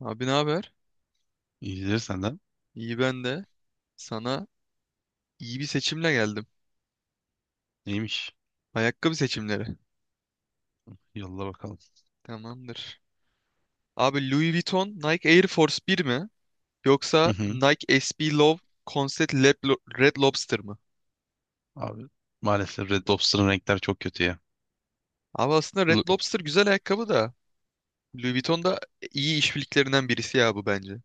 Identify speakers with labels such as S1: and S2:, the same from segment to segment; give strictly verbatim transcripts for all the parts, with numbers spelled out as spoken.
S1: Abi ne haber?
S2: İyidir senden.
S1: İyi ben de. Sana iyi bir seçimle geldim.
S2: Neymiş?
S1: Ayakkabı seçimleri.
S2: Yolla bakalım.
S1: Tamamdır. Abi Louis Vuitton Nike Air Force bir mi?
S2: Hı
S1: Yoksa
S2: hı.
S1: Nike S B Love Concept Lab Lo- Red Lobster mı?
S2: Abi maalesef Red Lobster'ın renkler çok kötü ya.
S1: Abi aslında Red
S2: Lu-
S1: Lobster güzel ayakkabı da Louis Vuitton da iyi işbirliklerinden birisi ya bu bence.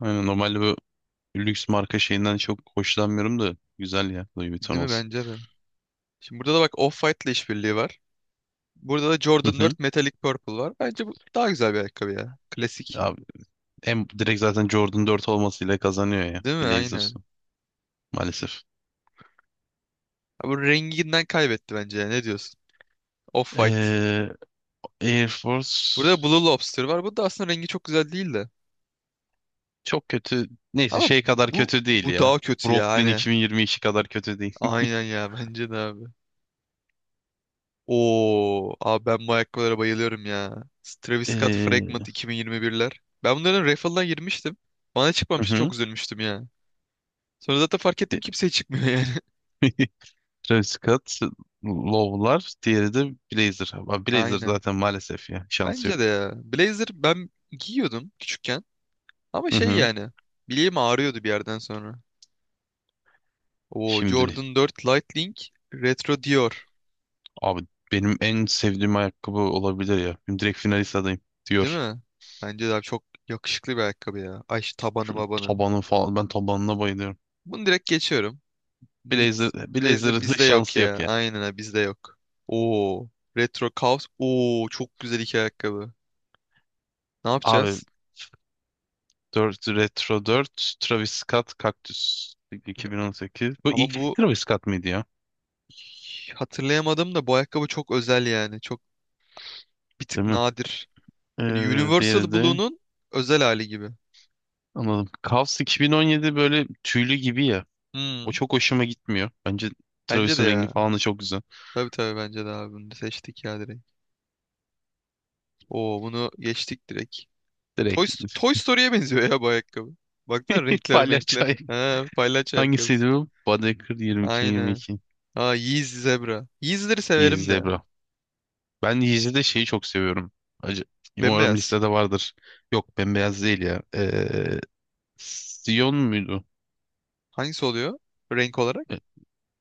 S2: Aynen, normalde bu lüks marka şeyinden çok hoşlanmıyorum da güzel ya Louis Vuitton
S1: Değil mi?
S2: olsun.
S1: Bence de. Şimdi burada da bak Off-White'la işbirliği var. Burada da
S2: Hı
S1: Jordan
S2: hı.
S1: dört Metallic Purple var. Bence bu daha güzel bir ayakkabı ya. Klasik.
S2: Abi en direkt zaten Jordan dört olmasıyla kazanıyor ya
S1: Değil mi? Aynen.
S2: Blazers'ı maalesef.
S1: Abi renginden kaybetti bence ya. Ne diyorsun? Off-White.
S2: Ee, Air
S1: Burada
S2: Force
S1: Blue Lobster var. Bu da aslında rengi çok güzel değil de.
S2: çok kötü. Neyse
S1: Ama
S2: şey
S1: bu,
S2: kadar
S1: bu,
S2: kötü değil
S1: bu
S2: ya.
S1: daha kötü ya.
S2: Brooklyn
S1: Hani.
S2: iki bin yirmi iki kadar kötü değil.
S1: Aynen ya. Bence de abi. Oo, abi ben bu ayakkabılara bayılıyorum ya. Travis Scott Fragment
S2: Ee,
S1: yirmi yirmi birler. Ben bunların raffle'dan girmiştim. Bana
S2: hı
S1: çıkmamıştı çok
S2: hı.
S1: üzülmüştüm ya. Sonra zaten fark ettim kimseye çıkmıyor yani.
S2: Travis Scott, Low'lar, diğeri de Blazer. Ama Blazer
S1: Aynen.
S2: zaten maalesef ya. Şansı yok.
S1: Bence de ya. Blazer ben giyiyordum küçükken. Ama
S2: Hı
S1: şey
S2: hı.
S1: yani. Bileğim ağrıyordu bir yerden sonra. Oo,
S2: Şimdi
S1: Jordan dört Light Link Retro Dior.
S2: abi benim en sevdiğim ayakkabı olabilir ya. Benim direkt finalist adayım
S1: Değil
S2: diyor.
S1: mi? Bence de abi çok yakışıklı bir ayakkabı ya. Ay şu tabanı mabanı.
S2: Tabanı falan ben tabanına bayılıyorum.
S1: Bunu direkt geçiyorum. Mid
S2: Blazer
S1: Blazer
S2: Blazer'ın
S1: bizde yok
S2: şansı yok
S1: ya.
S2: ya.
S1: Aynen ha, bizde yok. Oo. Retro Chaos. Oo çok güzel iki ayakkabı. Ne
S2: Abi
S1: yapacağız?
S2: dört Retro dört Travis Scott Cactus iki bin on sekiz. Bu
S1: Ama
S2: ilk
S1: bu
S2: Travis Scott mıydı ya?
S1: hatırlayamadım da bu ayakkabı çok özel yani. Çok bir tık
S2: Değil mi?
S1: nadir. Hani
S2: Ee, diğeri
S1: Universal
S2: de
S1: Blue'nun özel hali gibi.
S2: anladım. Cavs iki bin on yedi böyle tüylü gibi ya. O
S1: Hmm,
S2: çok hoşuma gitmiyor. Bence
S1: bence de
S2: Travis'in rengi
S1: ya.
S2: falan da çok güzel.
S1: Tabii tabii bence de abi bunu seçtik ya direkt. Oo bunu geçtik direkt. Toy,
S2: Direkt.
S1: Sto- Toy Story'ye benziyor ya bu ayakkabı. Baksana renkler renkler.
S2: Palyaçay. Ayak.
S1: Ha, palyaço
S2: Hangisiydi
S1: ayakkabısı.
S2: bu? Baedeker yirmi iki mi
S1: Aynen.
S2: yirmi iki?
S1: Aa Yeez Zebra. Yeez'leri
S2: Yeezy
S1: severim de.
S2: Zebra. Ben Yeezy'de şeyi çok seviyorum. Acı. Umarım
S1: Bembeyaz.
S2: listede vardır. Yok bembeyaz değil ya. Ee, Sion muydu?
S1: Hangisi oluyor renk olarak?
S2: Ee,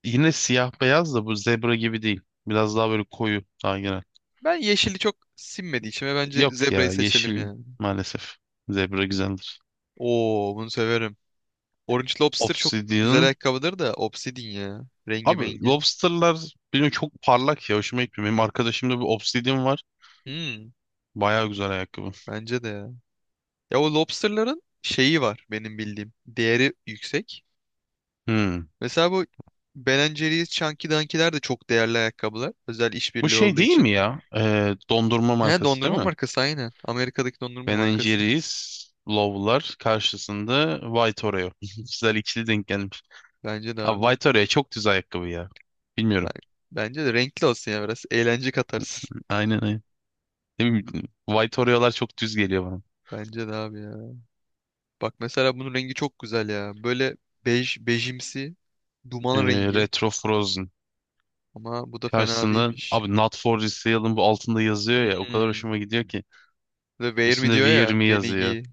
S2: Yine siyah beyaz da bu zebra gibi değil. Biraz daha böyle koyu daha genel.
S1: Ben yeşili çok sinmediği için ve bence
S2: Yok
S1: zebrayı
S2: ya
S1: seçelim
S2: yeşil
S1: yani.
S2: maalesef. Zebra güzeldir.
S1: Oo bunu severim. Orange Lobster çok güzel
S2: Obsidian.
S1: ayakkabıdır da Obsidian ya. Rengi
S2: Abi
S1: mengi.
S2: lobsterlar benim çok parlak ya hoşuma gitmiyor. Benim arkadaşımda bir Obsidian var.
S1: Hmm,
S2: Baya güzel ayakkabı.
S1: bence de ya. Ya o lobsterların şeyi var benim bildiğim. Değeri yüksek.
S2: Hmm.
S1: Mesela bu Ben and Jerry's, Chunky Dunky'ler de çok değerli ayakkabılar. Özel
S2: Bu
S1: işbirliği
S2: şey
S1: olduğu
S2: değil
S1: için.
S2: mi ya? Ee, dondurma
S1: He
S2: markası değil
S1: dondurma
S2: mi?
S1: markası aynen. Amerika'daki dondurma
S2: Ben
S1: markası.
S2: Jerry's Low'lar karşısında White Oreo. Güzel ikili denk gelmiş.
S1: Bence de
S2: Abi
S1: abi.
S2: White Oreo çok düz ayakkabı ya.
S1: Ben,
S2: Bilmiyorum.
S1: bence de renkli olsun ya biraz. Eğlence katarsın.
S2: Aynen aynen. Ne bileyim, White Oreo'lar çok düz geliyor bana.
S1: Bence de abi ya. Bak mesela bunun rengi çok güzel ya. Böyle bej, bejimsi duman
S2: Ee,
S1: rengi.
S2: Retro Frozen.
S1: Ama bu da fena
S2: Karşısında
S1: değilmiş.
S2: abi Not For Resale'ın bu altında yazıyor ya o kadar
S1: Hmm.
S2: hoşuma gidiyor ki.
S1: The Wear Me
S2: Üstünde
S1: diyor
S2: Wear
S1: ya.
S2: Me
S1: Beni
S2: yazıyor.
S1: giy.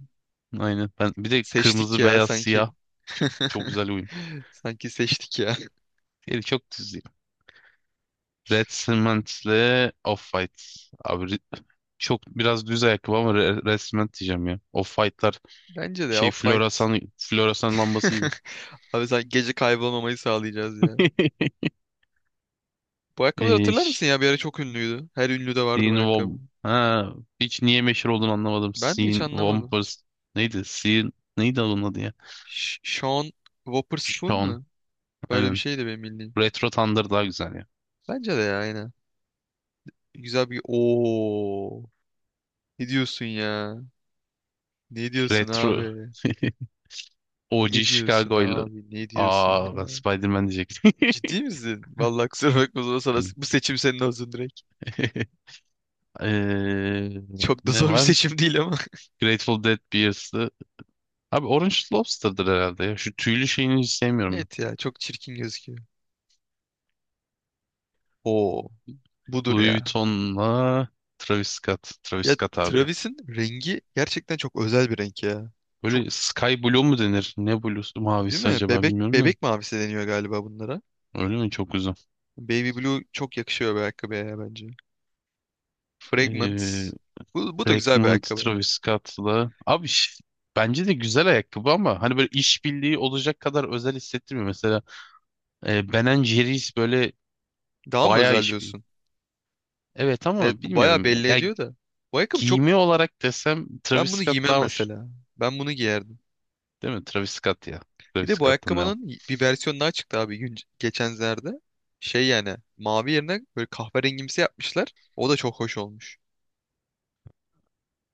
S2: Aynen. Ben bir de
S1: Seçtik
S2: kırmızı,
S1: ya
S2: beyaz,
S1: sanki.
S2: siyah çok, çok güzel uyum.
S1: Sanki seçtik ya.
S2: Diğeri çok düz ya. Red Cement'le Off-White. Abi ri- çok biraz düz ayakkabı ama Re- Red Cement diyeceğim ya. Off-White'lar
S1: Bence de
S2: şey
S1: Off-White.
S2: floresan floresan lambası gibi.
S1: Abi sen gece kaybolmamayı sağlayacağız ya. Bu ayakkabıları
S2: Ee,
S1: hatırlar
S2: ş-
S1: mısın ya? Bir ara çok ünlüydü. Her ünlüde vardı bu
S2: Sean
S1: ayakkabı.
S2: Wom. Ha, hiç niye meşhur olduğunu anlamadım.
S1: Ben de hiç
S2: Sean
S1: anlamadım.
S2: Wompers. Neydi? Sean neydi onun adı ya?
S1: Ş- Sean Wotherspoon
S2: Sean.
S1: mu? Böyle bir
S2: Aynen.
S1: şeydi benim bildiğim.
S2: Retro Thunder daha güzel ya.
S1: Bence de ya aynen. Güzel bir... Oo. Ne diyorsun ya? Ne diyorsun
S2: Retro.
S1: abi?
S2: O G
S1: Ne diyorsun
S2: Chicago'yla.
S1: abi? Ne diyorsun
S2: Aa ben
S1: ya?
S2: Spider-Man diyecektim.
S1: Ciddi misin? Vallahi kusura bakma zor sana.
S2: Benim.
S1: Bu seçim senin olsun direkt.
S2: Eee,
S1: Çok da
S2: ne
S1: zor bir
S2: var?
S1: seçim değil ama.
S2: Grateful Dead Beers'ı. Abi Orange Lobster'dır herhalde ya. Şu tüylü şeyini hiç sevmiyorum ben.
S1: Evet ya çok çirkin gözüküyor. Oo. Budur
S2: Louis
S1: ya.
S2: Vuitton'la Travis Scott. Travis
S1: Ya
S2: Scott abi ya.
S1: Travis'in rengi gerçekten çok özel bir renk ya. Çok
S2: Böyle Sky Blue mu denir? Ne blue'su
S1: değil
S2: mavisi
S1: mi?
S2: acaba
S1: Bebek
S2: bilmiyorum da.
S1: bebek mavisi deniyor galiba bunlara.
S2: Öyle mi? Çok güzel.
S1: Baby Blue çok yakışıyor bir ayakkabıya ya bence. Fragment.
S2: Eee
S1: Bu, bu da güzel bir
S2: Breakmont
S1: ayakkabı.
S2: Travis Scott'la. Abi ş- bence de güzel ayakkabı ama hani böyle işbirliği olacak kadar özel hissettirmiyor. Mesela E, Ben and Jerry's böyle
S1: Daha mı
S2: bayağı
S1: özel
S2: iş bil.
S1: diyorsun?
S2: Evet
S1: Evet
S2: ama
S1: bu bayağı
S2: bilmiyorum ya.
S1: belli
S2: Ya
S1: ediyor da. Bu ayakkabı çok...
S2: giyimi olarak desem Travis
S1: Ben bunu
S2: Scott
S1: giymem
S2: daha hoş.
S1: mesela. Ben bunu giyerdim.
S2: Değil mi? Travis Scott ya.
S1: Bir
S2: Travis
S1: de bu
S2: Scott'tan devam.
S1: ayakkabının bir versiyonu daha çıktı abi gün, geçenlerde. Şey yani mavi yerine böyle kahverengimsi yapmışlar. O da çok hoş olmuş.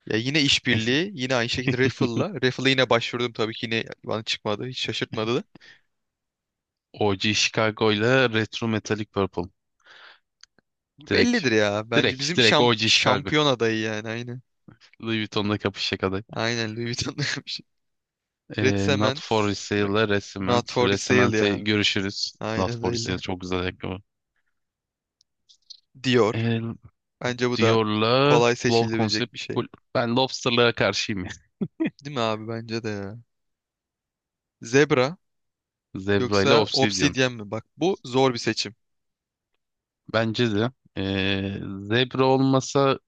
S1: Ya yine
S2: Neyse.
S1: işbirliği, yine aynı şekilde Raffle'la. Raffle'a yine başvurdum tabii ki yine bana çıkmadı. Hiç şaşırtmadı da.
S2: O G Chicago ile Retro Metallic Purple. Direkt.
S1: Bellidir ya. Bence
S2: Direkt.
S1: bizim
S2: Direkt
S1: şam-
S2: O G Chicago.
S1: şampiyon adayı yani aynı.
S2: Louis Vuitton'la kapışacak aday.
S1: Aynen Louis Vuitton'da yapmış. Red
S2: E, Not
S1: Cement,
S2: For Sale
S1: Re-
S2: ile
S1: Not
S2: Resiment.
S1: for Resale
S2: Resiment'e
S1: ya.
S2: görüşürüz. Not
S1: Aynen
S2: For Sale
S1: öyle.
S2: çok güzel ayakkabı.
S1: Dior.
S2: E,
S1: Bence bu da
S2: Dior'la
S1: kolay
S2: Love
S1: seçilebilecek
S2: Concept.
S1: bir şey.
S2: Cool. Ben Lobster'lara karşıyım ya.
S1: Değil mi abi? Bence de ya. Zebra
S2: Zebra ile
S1: yoksa
S2: Obsidian.
S1: Obsidian mi? Bak bu zor bir seçim.
S2: Bence de. Ee, zebra olmasa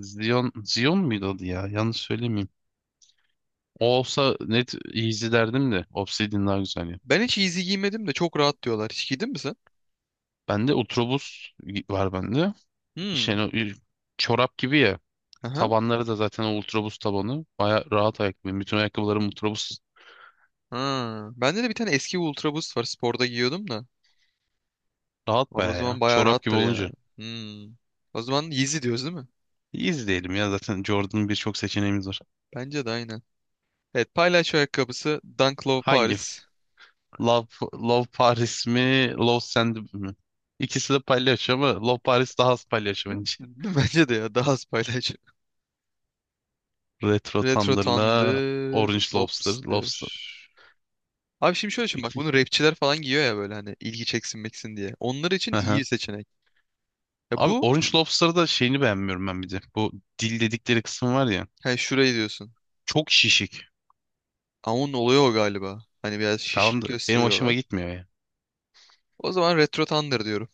S2: Zion, Zion muydu adı ya? Yanlış söylemeyeyim. O olsa net Easy derdim de. Obsidian daha güzel ya.
S1: Ben hiç Yeezy giymedim de çok rahat diyorlar. Hiç giydin mi sen?
S2: Bende Ultrabus var bende.
S1: Hmm.
S2: İşte hani o- çorap gibi ya. Tabanları da zaten o Ultrabus tabanı. Baya rahat ayakkabı. Bütün ayakkabılarım Ultrabus
S1: Ha, bende de bir tane eski Ultra Boost var. Sporda giyiyordum da.
S2: rahat
S1: Abi o
S2: baya
S1: zaman
S2: ya.
S1: bayağı
S2: Çorap gibi
S1: rahattır ya.
S2: olunca.
S1: Hmm. O zaman Yeezy diyoruz değil mi?
S2: Easy diyelim ya zaten Jordan'ın birçok seçeneğimiz var.
S1: Bence de aynen. Evet paylaş ayakkabısı Dunk Low
S2: Hangi?
S1: Paris.
S2: Love, Love Paris mi? Love Sand mi? İkisi de palyaço ama Love Paris daha az palyaço
S1: Değil
S2: bence.
S1: mi? Bence de ya daha az paylaş.
S2: Retro
S1: Retro
S2: Thunder'la
S1: Thunder,
S2: Orange Lobster.
S1: Opster.
S2: Lobster.
S1: Abi şimdi şöyle düşün bak bunu
S2: iki-
S1: rapçiler falan giyiyor ya böyle hani ilgi çeksin meksin diye. Onlar için iyi
S2: Hı.
S1: seçenek. Ya
S2: Abi
S1: bu
S2: Orange Lobster'da şeyini beğenmiyorum ben bir de. Bu dil dedikleri kısım var ya.
S1: hani şurayı diyorsun.
S2: Çok şişik.
S1: Ama onun oluyor o galiba. Hani biraz
S2: Tamam
S1: şişik
S2: da benim hoşuma
S1: gösteriyorlar.
S2: gitmiyor ya.
S1: O zaman Retro Thunder diyorum.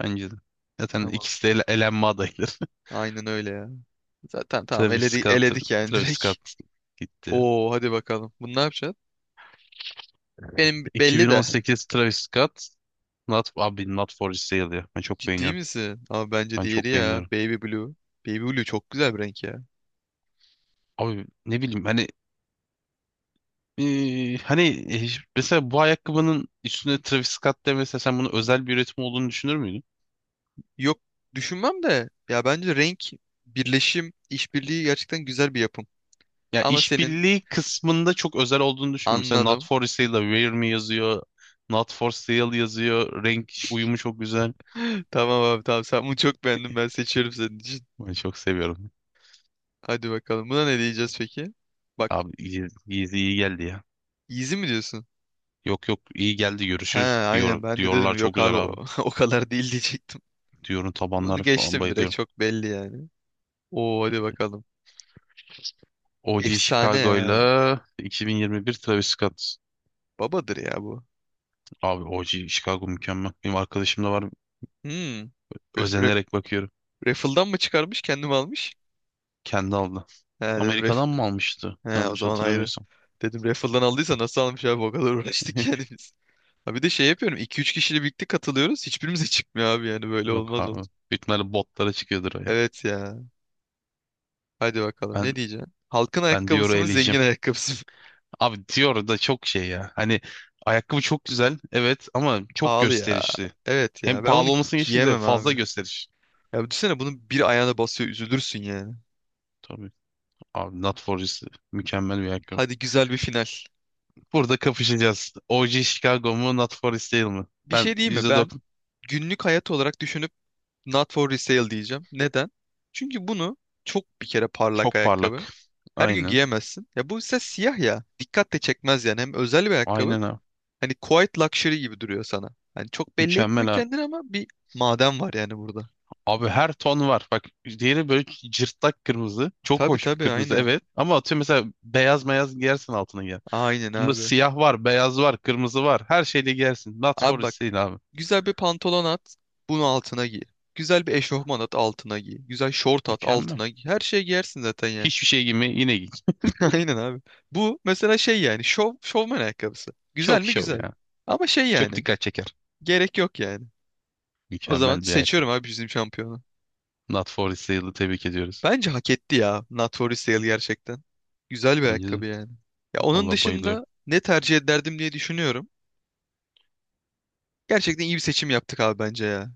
S2: Bence de. Zaten
S1: Tamam.
S2: ikisi de ele elenme adayları.
S1: Aynen öyle ya. Zaten tamam
S2: Travis
S1: eledik,
S2: Scott,
S1: eledik yani
S2: Travis
S1: direkt.
S2: Scott gitti.
S1: Oo hadi bakalım. Bunu ne yapacaksın? Benim belli de.
S2: iki bin on sekiz Travis Scott. Not, abi Not For Sale ya. Ben çok
S1: Ciddi
S2: beğeniyorum.
S1: misin? Ama bence
S2: Ben
S1: diğeri
S2: çok
S1: ya.
S2: beğeniyorum.
S1: Baby Blue. Baby Blue çok güzel bir renk ya.
S2: Abi ne bileyim hani eee, hani e, mesela bu ayakkabının üstüne Travis Scott demese sen bunu özel bir üretim olduğunu düşünür müydün?
S1: Yok düşünmem de. Ya bence renk birleşim, işbirliği gerçekten güzel bir yapım.
S2: Ya
S1: Ama senin
S2: işbirliği kısmında çok özel olduğunu düşünmüyorum. Mesela Not
S1: anladım.
S2: for Sale'da Wear Me yazıyor. Not for Sale yazıyor. Renk uyumu çok güzel.
S1: Tamam abi tamam sen bunu çok beğendim ben seçiyorum senin için.
S2: Ben çok seviyorum.
S1: Hadi bakalım buna ne diyeceğiz peki? Bak
S2: Abi iyi, iyi, iyi geldi ya.
S1: easy mi diyorsun?
S2: Yok yok iyi geldi
S1: He
S2: görüşürüz
S1: aynen
S2: diyor
S1: ben de
S2: diyorlar
S1: dedim
S2: çok
S1: yok abi
S2: güzel
S1: o,
S2: abi.
S1: o kadar değil diyecektim.
S2: Diyorum
S1: Bunu
S2: tabanları falan
S1: geçtim direkt
S2: bayılıyorum.
S1: çok belli yani. Oo hadi bakalım.
S2: O G
S1: Efsane ya.
S2: Chicago'yla iki bin yirmi bir Travis Scott.
S1: Babadır ya bu.
S2: Abi O G Chicago mükemmel. Benim arkadaşım da var.
S1: Hmm. Re re-
S2: Özenerek bakıyorum.
S1: raffle'dan mı çıkarmış kendim almış?
S2: Kendi aldı.
S1: He dedim. ref
S2: Amerika'dan mı almıştı?
S1: He o
S2: Yanlış
S1: zaman ayrı.
S2: hatırlamıyorsam.
S1: Dedim raffle'dan aldıysa nasıl almış abi o kadar uğraştık yani biz. Ha bir de şey yapıyorum iki üç kişiyle birlikte katılıyoruz. Hiçbirimize çıkmıyor abi yani böyle
S2: Yok
S1: olmaz
S2: abi.
S1: olur.
S2: Büyük ihtimalle botlara çıkıyordur o ya.
S1: Evet ya. Hadi bakalım ne
S2: Ben
S1: diyeceksin? Halkın
S2: ben Dior'u
S1: ayakkabısı mı
S2: eleyeceğim.
S1: zengin ayakkabısı mı?
S2: Abi Dior da çok şey ya. Hani ayakkabı çok güzel. Evet ama çok
S1: Pahalı ya.
S2: gösterişli.
S1: Evet
S2: Hem
S1: ya ben bunu
S2: pahalı olmasını geçtim bir de
S1: giyemem
S2: fazla
S1: abi.
S2: gösteriş.
S1: Ya düşünsene bunun bir ayağına basıyor üzülürsün yani.
S2: Tabii. Abi Not For Resale mükemmel bir ayakkabı.
S1: Hadi güzel bir final.
S2: Burada kapışacağız. O G Chicago mu Not For Resale mi?
S1: Bir
S2: Ben
S1: şey diyeyim mi? Ben
S2: yüzde doksan
S1: günlük hayat olarak düşünüp not for resale diyeceğim. Neden? Çünkü bunu çok bir kere parlak
S2: çok parlak.
S1: ayakkabı. Her gün
S2: Aynen.
S1: giyemezsin. Ya bu ise siyah ya. Dikkat de çekmez yani. Hem özel bir ayakkabı.
S2: Aynen abi.
S1: Hani quiet luxury gibi duruyor sana. Hani çok belli
S2: Mükemmel
S1: etmiyor
S2: abi.
S1: kendini ama bir maden var yani burada.
S2: Abi her ton var. Bak diğeri böyle cırtlak kırmızı. Çok
S1: Tabii
S2: hoş bir
S1: tabii
S2: kırmızı
S1: aynen.
S2: evet. Ama atıyorum mesela beyaz beyaz giyersin altına gel.
S1: Aynen
S2: Bunda
S1: abi.
S2: siyah var, beyaz var, kırmızı var. Her şeyle giyersin. Not for
S1: Abi bak.
S2: sale abi.
S1: Güzel bir pantolon at. Bunu altına giy. Güzel bir eşofman at altına giy. Güzel şort at
S2: Mükemmel.
S1: altına giy. Her şeyi giyersin zaten yani.
S2: Hiçbir şey giyme yine giy.
S1: Aynen abi. Bu mesela şey yani şov, şovman ayakkabısı. Güzel
S2: Çok
S1: mi
S2: şov
S1: güzel.
S2: ya.
S1: Ama şey
S2: Çok
S1: yani
S2: dikkat çeker.
S1: gerek yok yani. O zaman
S2: Mükemmel bir ayakkabı.
S1: seçiyorum abi bizim şampiyonu.
S2: Not for sale'ı tebrik ediyoruz.
S1: Bence hak etti ya Not For Sale gerçekten. Güzel bir
S2: Önceden.
S1: ayakkabı yani. Ya onun
S2: Valla
S1: dışında
S2: bayılıyorum.
S1: ne tercih ederdim diye düşünüyorum. Gerçekten iyi bir seçim yaptık abi bence ya.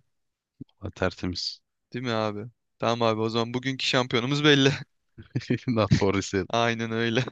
S2: Valla tertemiz.
S1: Değil mi abi? Tamam abi o zaman bugünkü şampiyonumuz belli.
S2: Not for sale.
S1: Aynen öyle.